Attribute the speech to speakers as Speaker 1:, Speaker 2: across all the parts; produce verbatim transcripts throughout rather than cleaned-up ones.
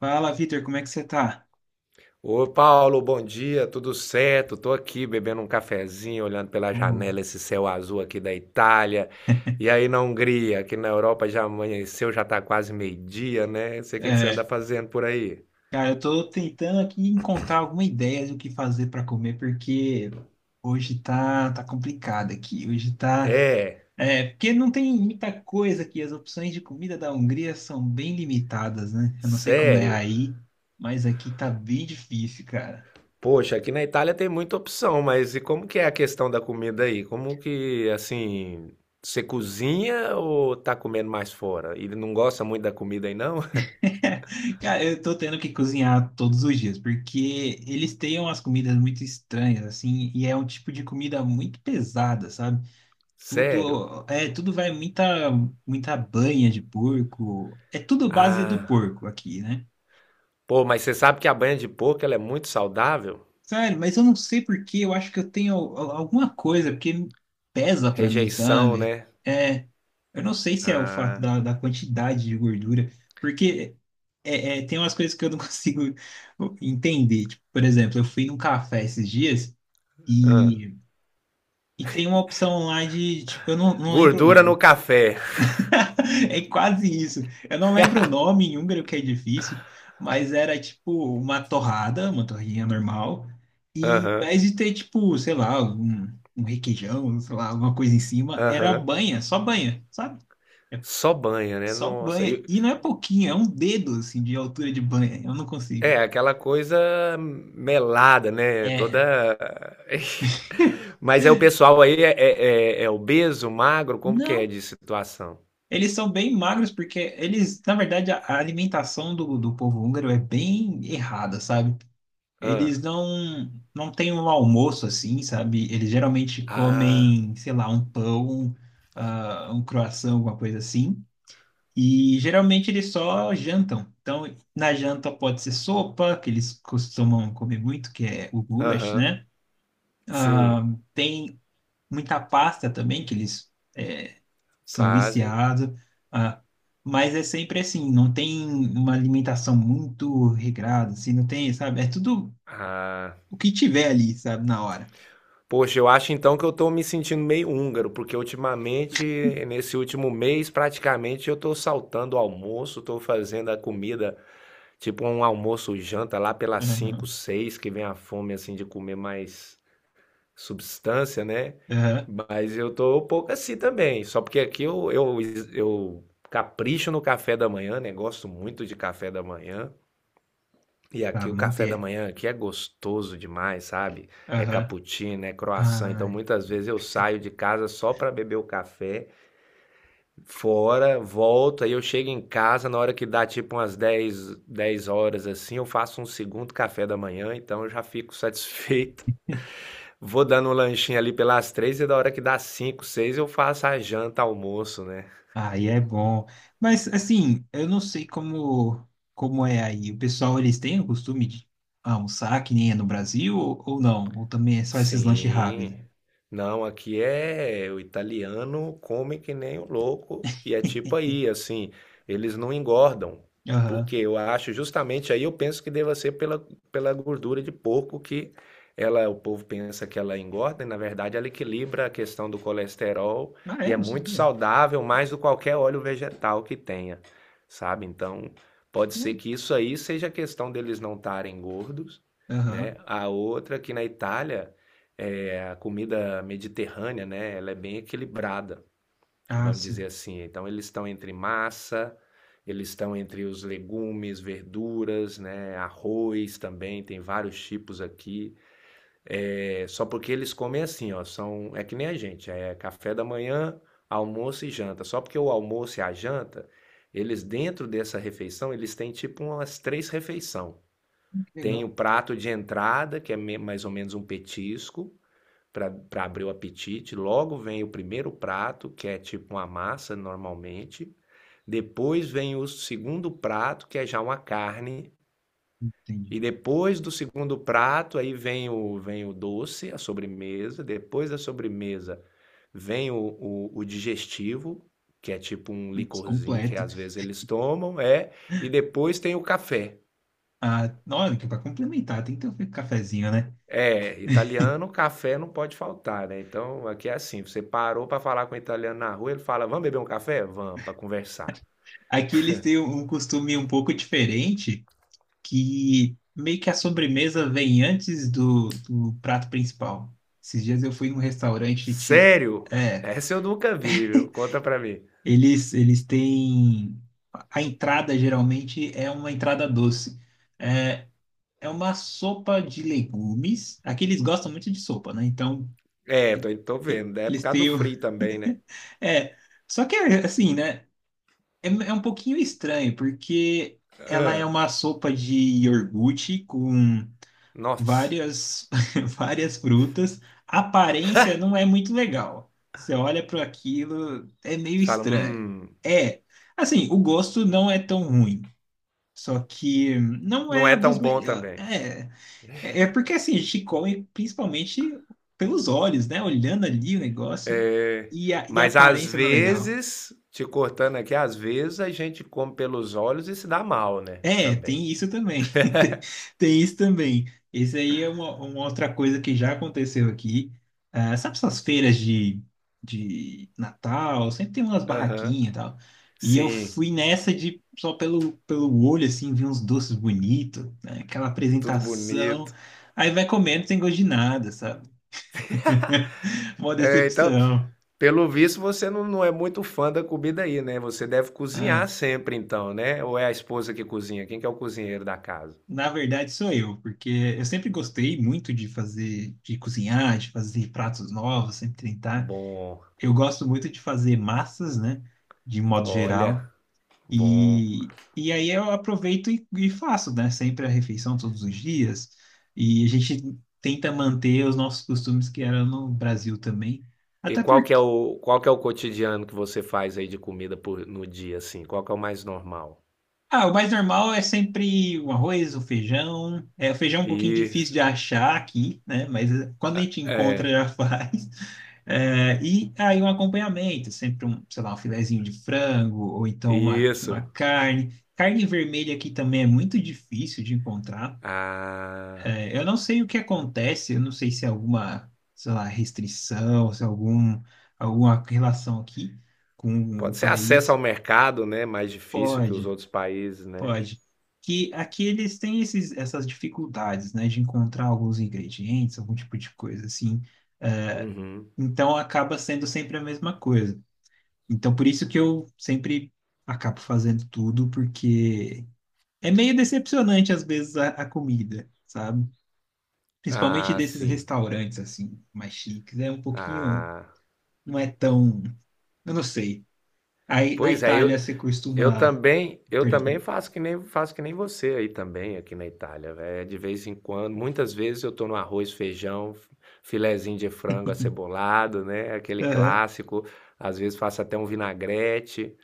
Speaker 1: Fala, Vitor, como é que você tá?
Speaker 2: Ô Paulo, bom dia, tudo certo? Tô aqui bebendo um cafezinho, olhando pela
Speaker 1: Uhum.
Speaker 2: janela esse céu azul aqui da Itália. E aí na Hungria, aqui na Europa já amanheceu, já tá quase meio-dia, né? Não sei o que que você anda
Speaker 1: É,
Speaker 2: fazendo por aí.
Speaker 1: cara, eu tô tentando aqui encontrar alguma ideia do que fazer pra comer, porque hoje tá, tá complicado aqui. Hoje tá.
Speaker 2: É,
Speaker 1: É, porque não tem muita coisa aqui. As opções de comida da Hungria são bem limitadas, né? Eu não sei como é
Speaker 2: sério?
Speaker 1: aí, mas aqui tá bem difícil, cara.
Speaker 2: Poxa, aqui na Itália tem muita opção, mas e como que é a questão da comida aí? Como que, assim, você cozinha ou tá comendo mais fora? Ele não gosta muito da comida aí, não?
Speaker 1: Cara, eu tô tendo que cozinhar todos os dias, porque eles têm umas comidas muito estranhas, assim, e é um tipo de comida muito pesada, sabe?
Speaker 2: Sério?
Speaker 1: Tudo, é, tudo vai muita, muita banha de porco. É tudo base do
Speaker 2: Ah.
Speaker 1: porco aqui, né?
Speaker 2: Pô, mas você sabe que a banha de porco ela é muito saudável?
Speaker 1: Sério, mas eu não sei por que, eu acho que eu tenho al- alguma coisa, porque pesa pra mim,
Speaker 2: Rejeição,
Speaker 1: sabe?
Speaker 2: né?
Speaker 1: É, eu não sei se é o fato
Speaker 2: Ah,
Speaker 1: da, da quantidade de gordura, porque é, é, tem umas coisas que eu não consigo entender. Tipo, por exemplo, eu fui num café esses dias
Speaker 2: hã.
Speaker 1: e, e tem uma opção lá de, tipo, eu não, não lembro o
Speaker 2: Gordura
Speaker 1: nome.
Speaker 2: no café.
Speaker 1: É quase isso. Eu não lembro o nome em húngaro, que é difícil, mas era tipo uma torrada, uma torrinha normal, e ao
Speaker 2: Aham,
Speaker 1: invés de ter tipo, sei lá, um, um requeijão, sei lá, alguma coisa em cima, era
Speaker 2: aham.
Speaker 1: banha, só banha, sabe?
Speaker 2: Só banha, né?
Speaker 1: Só
Speaker 2: Nossa.
Speaker 1: banha.
Speaker 2: E-
Speaker 1: E não é pouquinho, é um dedo assim de altura de banha. Eu não consigo.
Speaker 2: é aquela coisa melada, né? Toda.
Speaker 1: É.
Speaker 2: Mas é o pessoal aí é, é, é, é obeso, magro? Como que é
Speaker 1: Não,
Speaker 2: de situação?
Speaker 1: eles são bem magros porque eles, na verdade, a a alimentação do, do povo húngaro é bem errada, sabe?
Speaker 2: Ah,
Speaker 1: Eles não não têm um almoço assim, sabe? Eles geralmente
Speaker 2: Ah,
Speaker 1: comem, sei lá, um pão, ah, um croissant, alguma coisa assim. E geralmente eles só jantam. Então, na janta pode ser sopa, que eles costumam comer muito, que é o goulash,
Speaker 2: aham.
Speaker 1: né? Ah,
Speaker 2: Sim.
Speaker 1: tem muita pasta também, que eles eh, são
Speaker 2: Fazem.
Speaker 1: viciados. Ah, mas é sempre assim, não tem uma alimentação muito regrada, assim, não tem, sabe? É tudo
Speaker 2: Ah.
Speaker 1: o que tiver ali, sabe, na hora.
Speaker 2: Poxa, eu acho então que eu tô me sentindo meio húngaro, porque ultimamente, nesse último mês, praticamente eu tô saltando o almoço, tô fazendo a comida, tipo um almoço janta lá pelas cinco,
Speaker 1: Aham,
Speaker 2: seis, que vem a fome assim de comer mais substância, né?
Speaker 1: aham,
Speaker 2: Mas eu tô um pouco assim também, só porque aqui eu, eu, eu capricho no café da manhã, né? Gosto muito de café da manhã. E
Speaker 1: pra
Speaker 2: aqui o café da
Speaker 1: manter.
Speaker 2: manhã aqui é gostoso demais, sabe? É
Speaker 1: Aham.
Speaker 2: cappuccino, é croissant. Então
Speaker 1: Ai,
Speaker 2: muitas vezes eu saio de casa só para beber o café fora, volto, aí eu chego em casa na hora que dá tipo umas dez dez horas assim, eu faço um segundo café da manhã, então eu já fico satisfeito. Vou dando um lanchinho ali pelas três, e da hora que dá cinco, seis, eu faço a janta, almoço, né?
Speaker 1: aí é bom. Mas, assim, eu não sei como, como é aí. O pessoal, eles têm o costume de almoçar que nem é no Brasil ou, ou não? Ou também é só esses lanches
Speaker 2: Sim.
Speaker 1: rápidos?
Speaker 2: Não, aqui é o italiano come que nem o louco e é tipo aí, assim, eles não engordam.
Speaker 1: Aham.
Speaker 2: Porque eu acho justamente, aí eu penso que deva ser pela, pela gordura de porco, que ela, o povo pensa que ela engorda, e na verdade ela equilibra a questão do colesterol,
Speaker 1: Ah,
Speaker 2: e
Speaker 1: é?
Speaker 2: é
Speaker 1: Não
Speaker 2: muito
Speaker 1: sabia.
Speaker 2: saudável, mais do que qualquer óleo vegetal que tenha, sabe? Então, pode ser
Speaker 1: Hum.
Speaker 2: que isso aí seja a questão deles não estarem gordos,
Speaker 1: Aham.
Speaker 2: né? A outra, que na Itália é, a comida mediterrânea, né, ela é bem equilibrada,
Speaker 1: Ah,
Speaker 2: vamos
Speaker 1: sim.
Speaker 2: dizer assim. Então, eles estão entre massa, eles estão entre os legumes, verduras, né, arroz também, tem vários tipos aqui. É, só porque eles comem assim, ó, são, é que nem a gente, é café da manhã, almoço e janta. Só porque o almoço e a janta, eles, dentro dessa refeição, eles têm tipo umas três refeições.
Speaker 1: Hum, que
Speaker 2: Tem o
Speaker 1: legal.
Speaker 2: prato de entrada, que é me- mais ou menos um petisco, para abrir o apetite. Logo vem o primeiro prato, que é tipo uma massa normalmente. Depois vem o segundo prato, que é já uma carne.
Speaker 1: Entendi.
Speaker 2: E depois do segundo prato, aí vem o, vem o doce, a sobremesa. Depois da sobremesa, vem o, o, o digestivo, que é tipo um
Speaker 1: Putz,
Speaker 2: licorzinho que
Speaker 1: completo.
Speaker 2: às vezes eles tomam, é. E depois tem o café.
Speaker 1: Ah, na hora que para complementar, tem que ter um cafezinho, né?
Speaker 2: É, italiano, café não pode faltar, né. Então, aqui é assim, você parou pra falar com um italiano na rua, ele fala: "Vamos beber um café?". "Vamos", pra conversar.
Speaker 1: Aqui eles têm um costume um pouco diferente, que meio que a sobremesa vem antes do, do prato principal. Esses dias eu fui em um restaurante, ti-
Speaker 2: "Sério?".
Speaker 1: é,
Speaker 2: Essa eu nunca vi, viu. Conta pra mim.
Speaker 1: eles, eles têm, a entrada geralmente é uma entrada doce. É, é uma sopa de legumes, aqui eles gostam muito de sopa, né? Então,
Speaker 2: É, tô tô
Speaker 1: e-
Speaker 2: vendo. É por
Speaker 1: eles
Speaker 2: causa do
Speaker 1: têm, o-
Speaker 2: frio também, né.
Speaker 1: é, só que é, assim, né? É, é um pouquinho estranho, porque ela é
Speaker 2: Hã.
Speaker 1: uma sopa de iogurte com
Speaker 2: Nossa,
Speaker 1: várias, várias frutas. A aparência não é muito legal. Você olha para aquilo, é meio
Speaker 2: você fala:
Speaker 1: estranho.
Speaker 2: "Hum,
Speaker 1: É, assim, o gosto não é tão ruim. Só que não
Speaker 2: não
Speaker 1: é
Speaker 2: é
Speaker 1: a dos
Speaker 2: tão bom
Speaker 1: melhores.
Speaker 2: também".
Speaker 1: É, é é porque assim, a gente come principalmente pelos olhos, né? Olhando ali o negócio
Speaker 2: É.
Speaker 1: e a, e a
Speaker 2: Mas às
Speaker 1: aparência não é legal.
Speaker 2: vezes, te cortando aqui, às vezes a gente come pelos olhos e se dá mal, né,
Speaker 1: É,
Speaker 2: também.
Speaker 1: tem isso também. Tem tem isso também. Esse aí é uma, uma outra coisa que já aconteceu aqui. Ah, sabe essas feiras de, de Natal? Sempre tem umas
Speaker 2: Aham.
Speaker 1: barraquinhas e tal. E eu
Speaker 2: Sim,
Speaker 1: fui nessa de só pelo, pelo olho, assim, vi uns doces bonitos, né? Aquela
Speaker 2: tudo
Speaker 1: apresentação.
Speaker 2: bonito.
Speaker 1: Aí vai comendo sem gosto de nada, sabe? Uma
Speaker 2: É, então,
Speaker 1: decepção.
Speaker 2: pelo visto, você não, não é muito fã da comida aí, né? Você deve cozinhar
Speaker 1: Ah,
Speaker 2: sempre, então, né? Ou é a esposa que cozinha? Quem que é o cozinheiro da casa?
Speaker 1: na verdade, sou eu, porque eu sempre gostei muito de fazer, de cozinhar, de fazer pratos novos, sempre tentar.
Speaker 2: Bom,
Speaker 1: Eu gosto muito de fazer massas, né? De modo
Speaker 2: olha,
Speaker 1: geral.
Speaker 2: bom.
Speaker 1: E, e aí eu aproveito e, e faço, né? Sempre a refeição todos os dias. E a gente tenta manter os nossos costumes que eram no Brasil também.
Speaker 2: E
Speaker 1: Até
Speaker 2: qual que é
Speaker 1: porque,
Speaker 2: o, qual que é o cotidiano que você faz aí de comida por, no dia, assim? Qual que é o mais normal?
Speaker 1: ah, o mais normal é sempre o arroz, o feijão. É, o feijão é um pouquinho difícil de
Speaker 2: Isso,
Speaker 1: achar aqui, né? Mas eh, quando a gente encontra,
Speaker 2: é,
Speaker 1: já faz. É, e aí um acompanhamento, sempre um, sei lá, um filezinho de frango, ou então uma, uma
Speaker 2: isso.
Speaker 1: carne. Carne vermelha aqui também é muito difícil de encontrar.
Speaker 2: Ah,
Speaker 1: É, eu não sei o que acontece, eu não sei se é alguma, sei lá, restrição, se é algum, alguma relação aqui com o
Speaker 2: pode ser acesso
Speaker 1: país.
Speaker 2: ao mercado, né? Mais difícil que os
Speaker 1: Pode,
Speaker 2: outros países, né?
Speaker 1: pode. Que aqui eles têm esses, essas dificuldades, né, de encontrar alguns ingredientes, algum tipo de coisa assim. É,
Speaker 2: Uhum.
Speaker 1: então acaba sendo sempre a mesma coisa. Então, por isso que eu sempre acabo fazendo tudo, porque é meio decepcionante às vezes a, a comida, sabe? Principalmente
Speaker 2: Ah,
Speaker 1: desses
Speaker 2: sim.
Speaker 1: restaurantes assim, mais chiques, é um pouquinho,
Speaker 2: Ah,
Speaker 1: não é tão, eu não sei. Aí na
Speaker 2: pois é, eu,
Speaker 1: Itália você
Speaker 2: Eu
Speaker 1: costuma,
Speaker 2: também, eu
Speaker 1: perdão,
Speaker 2: também
Speaker 1: perdão.
Speaker 2: faço que nem faço que nem você aí também, aqui na Itália, véi. De vez em quando, muitas vezes eu tô no arroz, feijão, filezinho de frango acebolado, né? Aquele
Speaker 1: Aham.
Speaker 2: clássico. Às vezes faço até um vinagrete.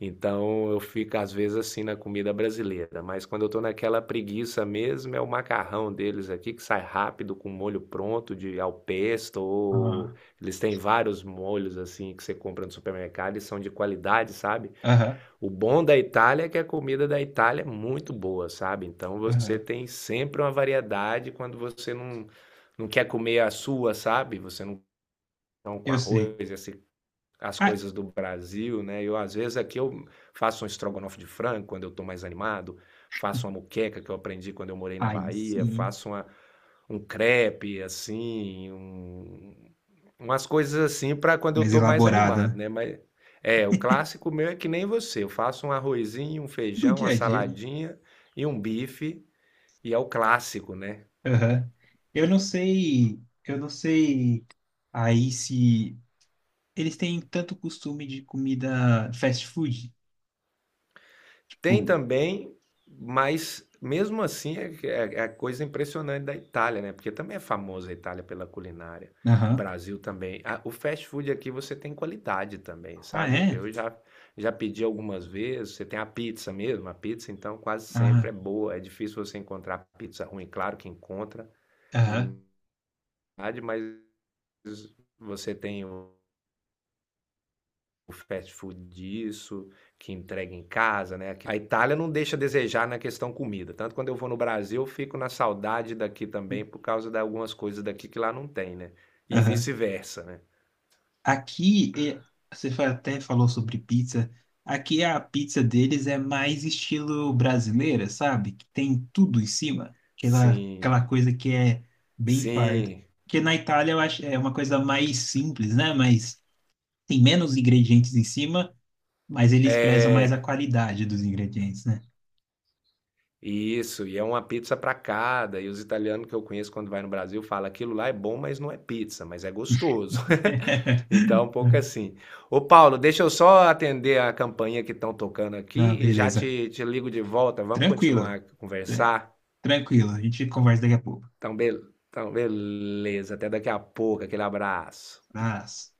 Speaker 2: Então eu fico às vezes assim na comida brasileira, mas quando eu tô naquela preguiça mesmo, é o macarrão deles aqui que sai rápido, com molho pronto de al pesto, ou
Speaker 1: Ah,
Speaker 2: eles têm vários molhos assim que você compra no supermercado e são de qualidade, sabe?
Speaker 1: aham.
Speaker 2: O bom da Itália é que a comida da Itália é muito boa, sabe? Então você
Speaker 1: Aham.
Speaker 2: tem sempre uma variedade quando você não, não quer comer a sua, sabe? Você não come com
Speaker 1: Eu sei.
Speaker 2: arroz, esse- as
Speaker 1: Ah,
Speaker 2: coisas do Brasil, né? Eu, às vezes, aqui eu faço um estrogonofe de frango quando eu tô mais animado, faço uma moqueca que eu aprendi quando eu morei na
Speaker 1: aí
Speaker 2: Bahia,
Speaker 1: sim,
Speaker 2: faço uma, um crepe, assim, um- umas coisas assim para quando eu
Speaker 1: mais
Speaker 2: tô mais
Speaker 1: elaborada,
Speaker 2: animado,
Speaker 1: né?
Speaker 2: né? Mas é, o clássico meu é que nem você. Eu faço um arrozinho, um
Speaker 1: Do
Speaker 2: feijão, uma
Speaker 1: dia a dia, né?
Speaker 2: saladinha e um bife, e é o clássico, né?
Speaker 1: Aham. Eu não sei, eu não sei aí se eles têm tanto costume de comida fast food,
Speaker 2: Tem
Speaker 1: tipo,
Speaker 2: também, mas mesmo assim é, é, é a coisa impressionante da Itália, né? Porque também é famosa a Itália pela culinária. O
Speaker 1: aham.
Speaker 2: Brasil também. A- o fast food aqui você tem qualidade também,
Speaker 1: Ah,
Speaker 2: sabe?
Speaker 1: é?
Speaker 2: Eu já, já pedi algumas vezes. Você tem a pizza mesmo, a pizza então quase
Speaker 1: Ah,
Speaker 2: sempre é boa. É difícil você encontrar pizza ruim, claro que encontra de
Speaker 1: aham,
Speaker 2: verdade, mas você tem o fast food disso, que entrega em casa, né? Aqui- A Itália não deixa a desejar na questão comida. Tanto quando eu vou no Brasil, eu fico na saudade daqui também por causa de algumas coisas daqui que lá não tem, né? E
Speaker 1: aham.
Speaker 2: vice-versa, né?
Speaker 1: Aqui, é- você fa- até falou sobre pizza. Aqui a pizza deles é mais estilo brasileira, sabe? Que tem tudo em cima. Aquela,
Speaker 2: Sim,
Speaker 1: aquela coisa que é bem farta.
Speaker 2: sim.
Speaker 1: Porque na Itália eu acho é uma coisa mais simples, né? Mas tem menos ingredientes em cima, mas eles prezam mais
Speaker 2: É,
Speaker 1: a qualidade dos ingredientes, né?
Speaker 2: isso, e é uma pizza para cada. E os italianos que eu conheço quando vai no Brasil fala: "Aquilo lá é bom, mas não é pizza, mas é gostoso". Então, um pouco assim. Ô Paulo, deixa eu só atender a campainha que estão tocando
Speaker 1: Ah,
Speaker 2: aqui e já
Speaker 1: beleza.
Speaker 2: te te ligo de volta. Vamos
Speaker 1: Tranquilo,
Speaker 2: continuar a
Speaker 1: tran-
Speaker 2: conversar?
Speaker 1: tranquilo. A gente conversa daqui a pouco.
Speaker 2: Então, bel então beleza, até daqui a pouco. Aquele abraço.
Speaker 1: Abraço.